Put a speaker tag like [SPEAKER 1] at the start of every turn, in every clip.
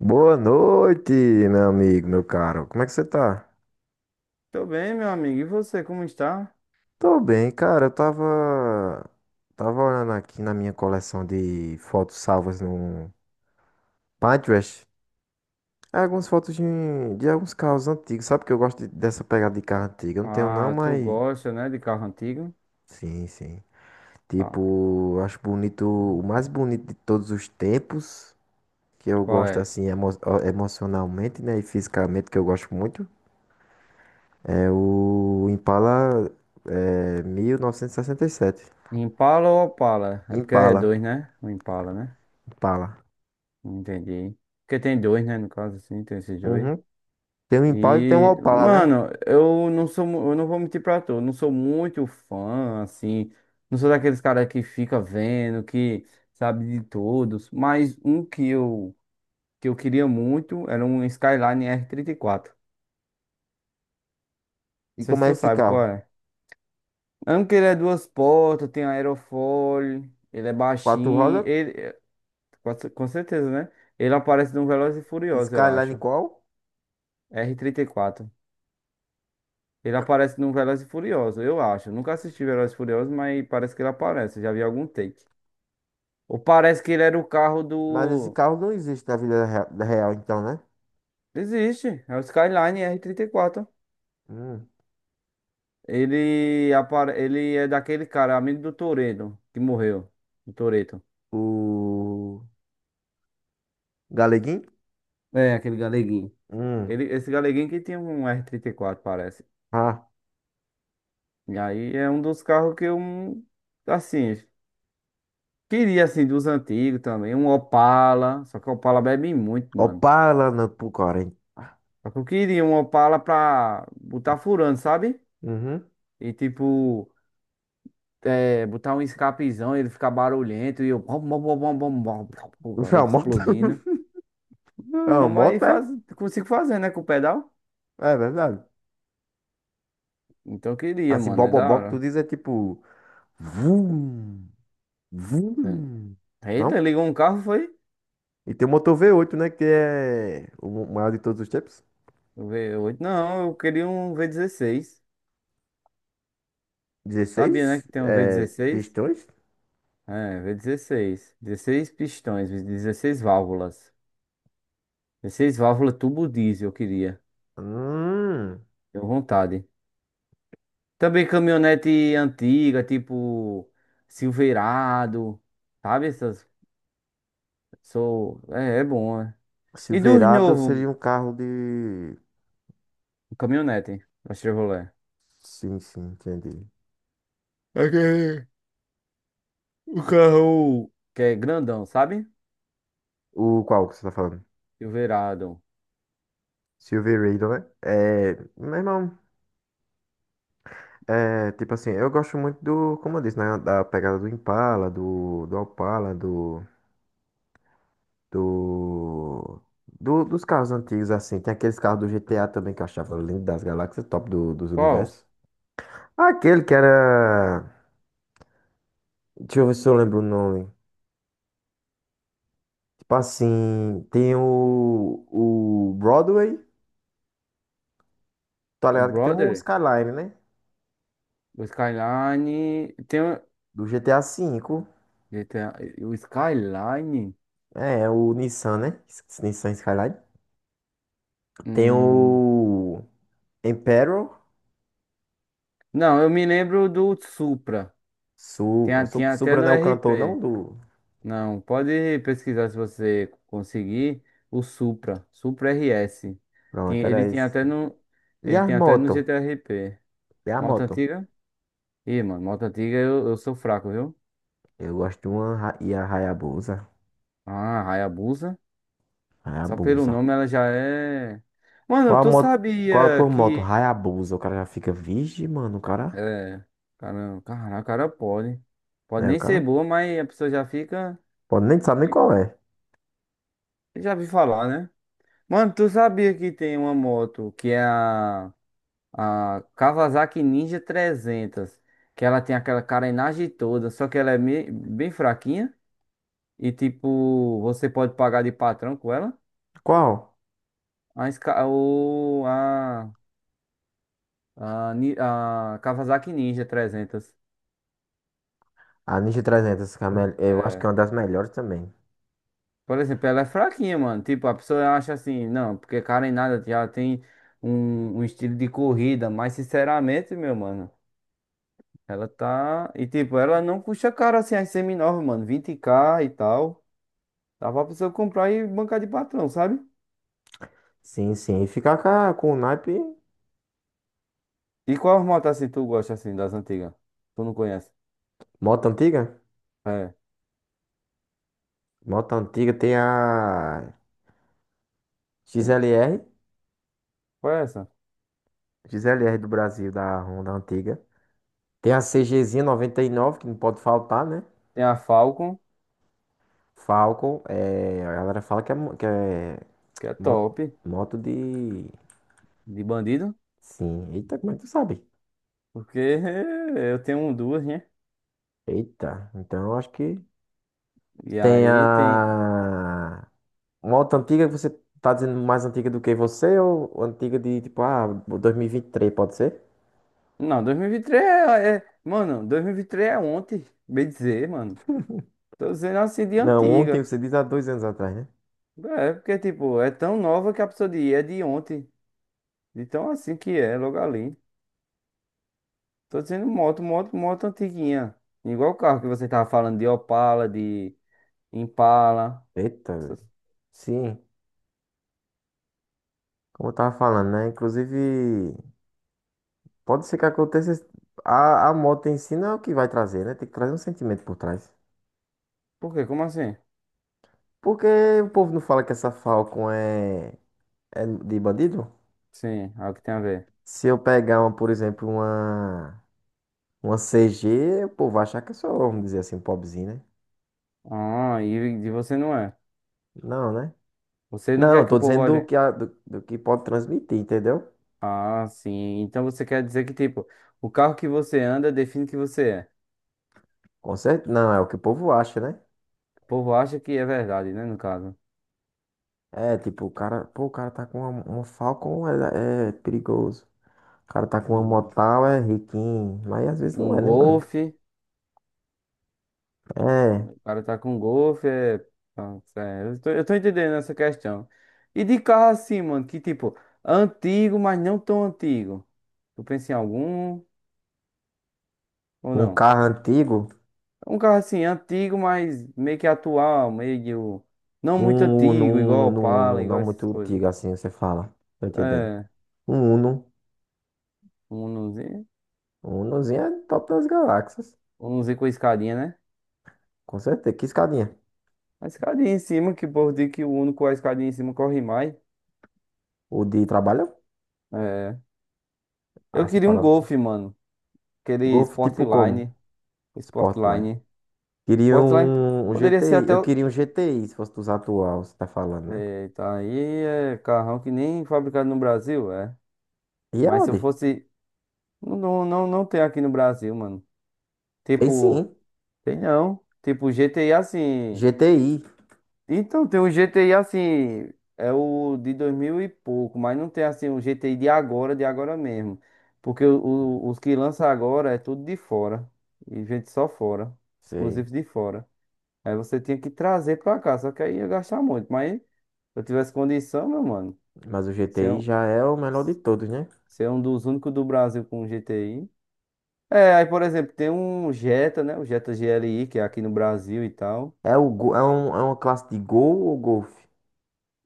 [SPEAKER 1] Boa noite, meu amigo, meu caro. Como é que você tá?
[SPEAKER 2] Tô bem, meu amigo. E você, como está?
[SPEAKER 1] Tô bem, cara. Eu tava olhando aqui na minha coleção de fotos salvas no Pinterest. É, algumas fotos de alguns carros antigos. Sabe que eu gosto dessa pegada de carro antigo? Eu não tenho não,
[SPEAKER 2] Ah, tu
[SPEAKER 1] mas
[SPEAKER 2] gosta, né, de carro antigo?
[SPEAKER 1] sim, sim.
[SPEAKER 2] Ah,
[SPEAKER 1] Tipo, eu acho bonito, o mais bonito de todos os tempos, que eu
[SPEAKER 2] qual
[SPEAKER 1] gosto
[SPEAKER 2] é?
[SPEAKER 1] assim emocionalmente, né, e fisicamente, que eu gosto muito. É o Impala, é, mil novecentos e sessenta e sete.
[SPEAKER 2] Impala ou Opala? É porque é
[SPEAKER 1] Impala,
[SPEAKER 2] dois, né? O Impala, né?
[SPEAKER 1] Impala.
[SPEAKER 2] Não entendi. Porque tem dois, né? No caso, assim, tem esses dois.
[SPEAKER 1] Uhum. Tem um Impala e tem um
[SPEAKER 2] E,
[SPEAKER 1] Opala, né?
[SPEAKER 2] mano, eu não sou, eu não vou mentir pra tu, eu não sou muito fã, assim, não sou daqueles caras que fica vendo, que sabe de todos, mas um que eu queria muito era um Skyline R34.
[SPEAKER 1] E
[SPEAKER 2] Não sei se
[SPEAKER 1] como é
[SPEAKER 2] tu
[SPEAKER 1] esse
[SPEAKER 2] sabe qual
[SPEAKER 1] carro?
[SPEAKER 2] é. Mesmo que ele é duas portas, tem aerofólio, ele é
[SPEAKER 1] Quatro
[SPEAKER 2] baixinho,
[SPEAKER 1] rodas.
[SPEAKER 2] ele, é, com certeza, né? Ele aparece num Velozes e Furiosos, eu
[SPEAKER 1] Skyline
[SPEAKER 2] acho.
[SPEAKER 1] qual?
[SPEAKER 2] R34. Ele aparece num Velozes e Furiosos, eu acho. Nunca assisti Velozes e Furiosos, mas parece que ele aparece, já vi algum take. Ou parece que ele era o carro
[SPEAKER 1] Mas esse
[SPEAKER 2] do...
[SPEAKER 1] carro não existe na vida real, então, né?
[SPEAKER 2] Existe, é o Skyline R34.
[SPEAKER 1] Hum.
[SPEAKER 2] Ele é daquele cara, amigo do Toretto, que morreu. O Toretto.
[SPEAKER 1] O Galeguinho?
[SPEAKER 2] É, aquele galeguinho.
[SPEAKER 1] Hum.
[SPEAKER 2] Esse galeguinho que tinha um R34, parece.
[SPEAKER 1] Ah,
[SPEAKER 2] E aí é um dos carros que eu, assim, queria, assim, dos antigos também, um Opala, só que o Opala bebe muito, mano.
[SPEAKER 1] Opala não, pro Corinthians.
[SPEAKER 2] Só que eu queria um Opala pra botar furando, sabe?
[SPEAKER 1] Uhum.
[SPEAKER 2] E tipo, é, botar um escapezão, ele ficar barulhento e eu, bom, bom, bom, bom, bom, bom, bom, bom, bom,
[SPEAKER 1] Isso é uma
[SPEAKER 2] ele
[SPEAKER 1] moto?
[SPEAKER 2] explodindo.
[SPEAKER 1] É uma
[SPEAKER 2] Não,
[SPEAKER 1] moto,
[SPEAKER 2] mas
[SPEAKER 1] é?
[SPEAKER 2] consigo fazer, né, com o pedal.
[SPEAKER 1] É verdade.
[SPEAKER 2] Então eu queria,
[SPEAKER 1] Assim,
[SPEAKER 2] mano, é da
[SPEAKER 1] bobobó que tu
[SPEAKER 2] hora.
[SPEAKER 1] diz é tipo... Vum, vum.
[SPEAKER 2] Eita,
[SPEAKER 1] Não?
[SPEAKER 2] ligou um carro, foi?
[SPEAKER 1] E tem o motor V8, né? Que é o maior de todos os tempos.
[SPEAKER 2] O V8? Não, eu queria um V16. Sabia, né,
[SPEAKER 1] 16
[SPEAKER 2] que tem um v
[SPEAKER 1] é,
[SPEAKER 2] dezesseis?
[SPEAKER 1] pistões.
[SPEAKER 2] É, V16 16 pistões, 16 válvulas. 16 válvulas tubo diesel, eu queria.
[SPEAKER 1] Hum.
[SPEAKER 2] Tenho vontade. Também caminhonete antiga, tipo Silverado, sabe? Essas. Sou. É, é bom, né? E dos
[SPEAKER 1] Silverado
[SPEAKER 2] novos,
[SPEAKER 1] seria um carro de.
[SPEAKER 2] caminhonete, da Chevrolet.
[SPEAKER 1] Sim, sim, entendi.
[SPEAKER 2] Aquele, o carro, que é grandão, sabe?
[SPEAKER 1] O qual que você tá falando?
[SPEAKER 2] Silverado.
[SPEAKER 1] Silverado, né? É, meu irmão, é, tipo assim, eu gosto muito do, como eu disse, né, da pegada do Impala, do Opala, do, dos carros antigos, assim. Tem aqueles carros do GTA também que eu achava lindo das galáxias, top dos
[SPEAKER 2] Qual?
[SPEAKER 1] universos. Aquele que era. Deixa eu ver se eu lembro o nome. Tipo assim, tem o Broadway, tá
[SPEAKER 2] O
[SPEAKER 1] ligado? Que tem um
[SPEAKER 2] Brother?
[SPEAKER 1] Skyline, né?
[SPEAKER 2] O Skyline.
[SPEAKER 1] Do GTA V.
[SPEAKER 2] GTA, o Skyline?
[SPEAKER 1] É o Nissan, né? Nissan Skyline. Tem
[SPEAKER 2] Hum.
[SPEAKER 1] o Imperial,
[SPEAKER 2] Não, eu me lembro do Supra.
[SPEAKER 1] Supra.
[SPEAKER 2] Tinha, tinha até
[SPEAKER 1] Supra
[SPEAKER 2] no
[SPEAKER 1] não é o cantor, não?
[SPEAKER 2] RP.
[SPEAKER 1] Do...
[SPEAKER 2] Não, pode pesquisar se você conseguir o Supra RS. Tinha-
[SPEAKER 1] Pronto,
[SPEAKER 2] ele
[SPEAKER 1] era
[SPEAKER 2] tinha
[SPEAKER 1] esse.
[SPEAKER 2] até
[SPEAKER 1] Tá?
[SPEAKER 2] no,
[SPEAKER 1] E
[SPEAKER 2] ele
[SPEAKER 1] as
[SPEAKER 2] tinha até no
[SPEAKER 1] motos?
[SPEAKER 2] GTRP.
[SPEAKER 1] E a
[SPEAKER 2] Moto
[SPEAKER 1] moto?
[SPEAKER 2] antiga? Ih, mano, moto antiga eu sou fraco, viu?
[SPEAKER 1] Eu gosto de uma e a Hayabusa.
[SPEAKER 2] Ah, Hayabusa. Só pelo
[SPEAKER 1] Hayabusa.
[SPEAKER 2] nome ela já é. Mano,
[SPEAKER 1] Qual a
[SPEAKER 2] tu
[SPEAKER 1] moto? Qual a
[SPEAKER 2] sabia
[SPEAKER 1] tua moto?
[SPEAKER 2] que.
[SPEAKER 1] Hayabusa. O cara já fica, vixe, mano, o cara.
[SPEAKER 2] É. Caramba, caraca, cara pode. Pode
[SPEAKER 1] Né, o
[SPEAKER 2] nem ser
[SPEAKER 1] cara?
[SPEAKER 2] boa, mas a pessoa já fica.
[SPEAKER 1] Pô, nem sabe nem qual é.
[SPEAKER 2] Já vi falar, né? Mano, tu sabia que tem uma moto que é a Kawasaki Ninja 300, que ela tem aquela carenagem toda, só que ela é bem fraquinha e tipo, você pode pagar de patrão com ela?
[SPEAKER 1] Qual?
[SPEAKER 2] A, Ska- o, a, Ni- a Kawasaki Ninja 300.
[SPEAKER 1] A Ninja 300, que é a eu acho que é
[SPEAKER 2] É.
[SPEAKER 1] uma das melhores também.
[SPEAKER 2] Por exemplo, ela é fraquinha, mano. Tipo, a pessoa acha assim, não, porque carenada já tem um estilo de corrida, mas sinceramente, meu mano. Ela tá. E tipo, ela não custa caro assim as seminovas, mano. 20k e tal. Dá pra pessoa comprar e bancar de patrão, sabe?
[SPEAKER 1] Sim, sim. E ficar com, com o naipe.
[SPEAKER 2] E qual moto assim tu gosta assim das antigas? Tu não conhece?
[SPEAKER 1] Moto antiga?
[SPEAKER 2] É.
[SPEAKER 1] Moto antiga tem a XLR.
[SPEAKER 2] Qual é essa?
[SPEAKER 1] XLR do Brasil, da Honda antiga. Tem a CGzinha 99, que não pode faltar, né?
[SPEAKER 2] Tem a Falcon,
[SPEAKER 1] Falcon. É, a galera fala que é, que é
[SPEAKER 2] que é
[SPEAKER 1] moto,
[SPEAKER 2] top,
[SPEAKER 1] moto de.
[SPEAKER 2] de bandido.
[SPEAKER 1] Sim. Eita, como é que tu sabe?
[SPEAKER 2] Porque eu tenho um, duas, né?
[SPEAKER 1] Eita. Então eu acho que.
[SPEAKER 2] E
[SPEAKER 1] Tem
[SPEAKER 2] aí tem.
[SPEAKER 1] a. Uma moto antiga, que você tá dizendo mais antiga do que você ou antiga de tipo, ah, 2023, pode ser?
[SPEAKER 2] Não, 2023 é. Mano, 2023 é ontem, bem dizer, mano. Tô dizendo assim de
[SPEAKER 1] Não, ontem
[SPEAKER 2] antiga.
[SPEAKER 1] você diz há 2 anos atrás, né?
[SPEAKER 2] É, porque tipo, é tão nova que a pessoa de é de ontem. Então assim que é, logo ali. Tô dizendo moto antiguinha. Igual o carro que você tava falando de Opala, de Impala.
[SPEAKER 1] Eita, velho.
[SPEAKER 2] Essas-
[SPEAKER 1] Sim, como eu tava falando, né? Inclusive, pode ser que aconteça. A moto em si não é o que vai trazer, né? Tem que trazer um sentimento por trás.
[SPEAKER 2] Por quê? Como assim?
[SPEAKER 1] Porque o povo não fala que essa Falcon é de bandido?
[SPEAKER 2] Sim, é o que tem a ver.
[SPEAKER 1] Se eu pegar uma, por exemplo, uma, CG, o povo vai achar que eu sou, vamos dizer assim, um pobrezinho, né?
[SPEAKER 2] Ah, e de você não é.
[SPEAKER 1] Não, né?
[SPEAKER 2] Você não
[SPEAKER 1] Não,
[SPEAKER 2] quer
[SPEAKER 1] eu
[SPEAKER 2] que o
[SPEAKER 1] tô
[SPEAKER 2] povo
[SPEAKER 1] dizendo do
[SPEAKER 2] olhe.
[SPEAKER 1] que, do que pode transmitir, entendeu?
[SPEAKER 2] Ah, sim. Então você quer dizer que, tipo, o carro que você anda define que você é.
[SPEAKER 1] Com certeza. Não, é o que o povo acha, né?
[SPEAKER 2] O povo acha que é verdade, né? No caso.
[SPEAKER 1] É, tipo, o cara, pô, o cara tá com uma Falcon, é perigoso. O cara tá com uma
[SPEAKER 2] Um,
[SPEAKER 1] Motal, é riquinho. Mas às vezes não
[SPEAKER 2] um
[SPEAKER 1] é, né, mano?
[SPEAKER 2] Golf.
[SPEAKER 1] É,
[SPEAKER 2] O cara tá com golfe, é... Pronto, eu tô entendendo essa questão. E de carro assim, mano, que tipo, antigo, mas não tão antigo. Tu pensa em algum ou
[SPEAKER 1] um
[SPEAKER 2] não?
[SPEAKER 1] carro antigo,
[SPEAKER 2] Um carro assim, antigo, mas meio que atual, meio. Não muito
[SPEAKER 1] um Uno,
[SPEAKER 2] antigo, igual
[SPEAKER 1] um
[SPEAKER 2] o
[SPEAKER 1] Uno, um
[SPEAKER 2] Opala,
[SPEAKER 1] Uno,
[SPEAKER 2] igual
[SPEAKER 1] não
[SPEAKER 2] essas
[SPEAKER 1] muito
[SPEAKER 2] coisas.
[SPEAKER 1] antigo assim, você fala. Tô entendendo.
[SPEAKER 2] É,
[SPEAKER 1] Um Uno.
[SPEAKER 2] um Unozinho.
[SPEAKER 1] Um Unozinho é top das galáxias.
[SPEAKER 2] Um Unozinho com escadinha, né?
[SPEAKER 1] Com certeza. Que escadinha.
[SPEAKER 2] A escadinha em cima, que o povo diz que o Uno com a escadinha em cima corre mais.
[SPEAKER 1] O de trabalho?
[SPEAKER 2] É.
[SPEAKER 1] Ah,
[SPEAKER 2] Eu
[SPEAKER 1] essa
[SPEAKER 2] queria um
[SPEAKER 1] palavra.
[SPEAKER 2] Golf, mano. Aquele
[SPEAKER 1] Golf tipo como?
[SPEAKER 2] Sportline.
[SPEAKER 1] Sportline.
[SPEAKER 2] Sportline.
[SPEAKER 1] Queria
[SPEAKER 2] Sportline
[SPEAKER 1] um
[SPEAKER 2] poderia ser
[SPEAKER 1] GTI.
[SPEAKER 2] até.
[SPEAKER 1] Eu queria um GTI, se fosse dos atual, você tá falando, né?
[SPEAKER 2] Eita, aí é carrão que nem fabricado no Brasil, é.
[SPEAKER 1] E
[SPEAKER 2] Mas se eu
[SPEAKER 1] Audi?
[SPEAKER 2] fosse. Não, não, não tem aqui no Brasil, mano.
[SPEAKER 1] Tem
[SPEAKER 2] Tipo,
[SPEAKER 1] sim.
[SPEAKER 2] tem não. Tipo, GTI assim.
[SPEAKER 1] GTI.
[SPEAKER 2] Então, tem um GTI assim. É o de 2000 e pouco, mas não tem assim um GTI de agora mesmo. Porque os que lança agora é tudo de fora. E gente só fora.
[SPEAKER 1] Sei.
[SPEAKER 2] Exclusivo de fora. Aí você tinha que trazer pra cá, só que aí ia gastar muito. Mas se eu tivesse condição, meu mano,
[SPEAKER 1] Mas o
[SPEAKER 2] ser
[SPEAKER 1] GTI
[SPEAKER 2] um,
[SPEAKER 1] já é o melhor de todos, né?
[SPEAKER 2] ser um dos únicos do Brasil com GTI. É, aí por exemplo, tem um Jetta, né? O Jetta GLI, que é aqui no Brasil e tal.
[SPEAKER 1] É, o, Go- é, um, é uma classe de Gol ou Golf?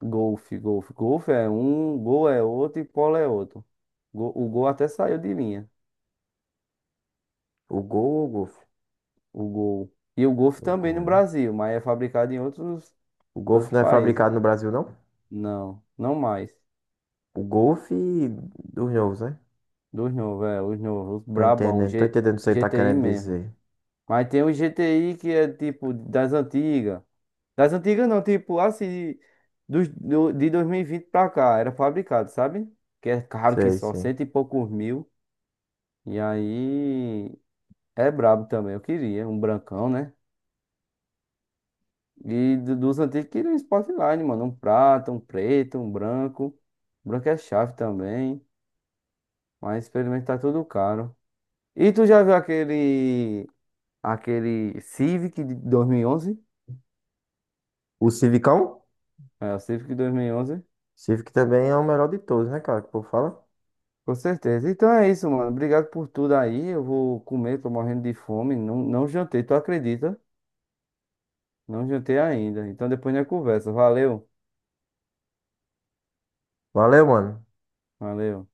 [SPEAKER 2] Golf é um, Gol é outro e Polo é outro. O Gol até saiu de linha,
[SPEAKER 1] O Gol ou Golf?
[SPEAKER 2] o Gol. E o Golf
[SPEAKER 1] O
[SPEAKER 2] também
[SPEAKER 1] Gol,
[SPEAKER 2] no
[SPEAKER 1] né?
[SPEAKER 2] Brasil, mas é fabricado em outros,
[SPEAKER 1] O Golf
[SPEAKER 2] outros
[SPEAKER 1] não é
[SPEAKER 2] países.
[SPEAKER 1] fabricado no Brasil, não?
[SPEAKER 2] Não, não mais.
[SPEAKER 1] O Golf dos novos, né?
[SPEAKER 2] Dos novos, os novos, os
[SPEAKER 1] Tô
[SPEAKER 2] brabão,
[SPEAKER 1] entendendo. Tô entendendo o que você tá
[SPEAKER 2] GTI
[SPEAKER 1] querendo
[SPEAKER 2] mesmo.
[SPEAKER 1] dizer.
[SPEAKER 2] Mas tem o GTI que é tipo das antigas. Das antigas não, tipo assim, de 2020 pra cá, era fabricado, sabe? Que é caro que
[SPEAKER 1] Sei,
[SPEAKER 2] só,
[SPEAKER 1] sim.
[SPEAKER 2] cento e poucos mil. E aí é brabo também, eu queria, um brancão, né? E dos antigos queria um Sportline, mano. Um prata, um preto, um branco. Branco é chave também. Mas pelo tá tudo caro. E tu já viu aquele. Aquele Civic de 2011?
[SPEAKER 1] O Civicão?
[SPEAKER 2] É, o Civic de 2011.
[SPEAKER 1] Civic também é o melhor de todos, né, cara? Que o povo fala.
[SPEAKER 2] Com certeza. Então é isso, mano. Obrigado por tudo aí. Eu vou comer, tô morrendo de fome. Não, não jantei, tu acredita? Não jantei ainda. Então depois a gente conversa. Valeu.
[SPEAKER 1] Valeu, mano.
[SPEAKER 2] Valeu.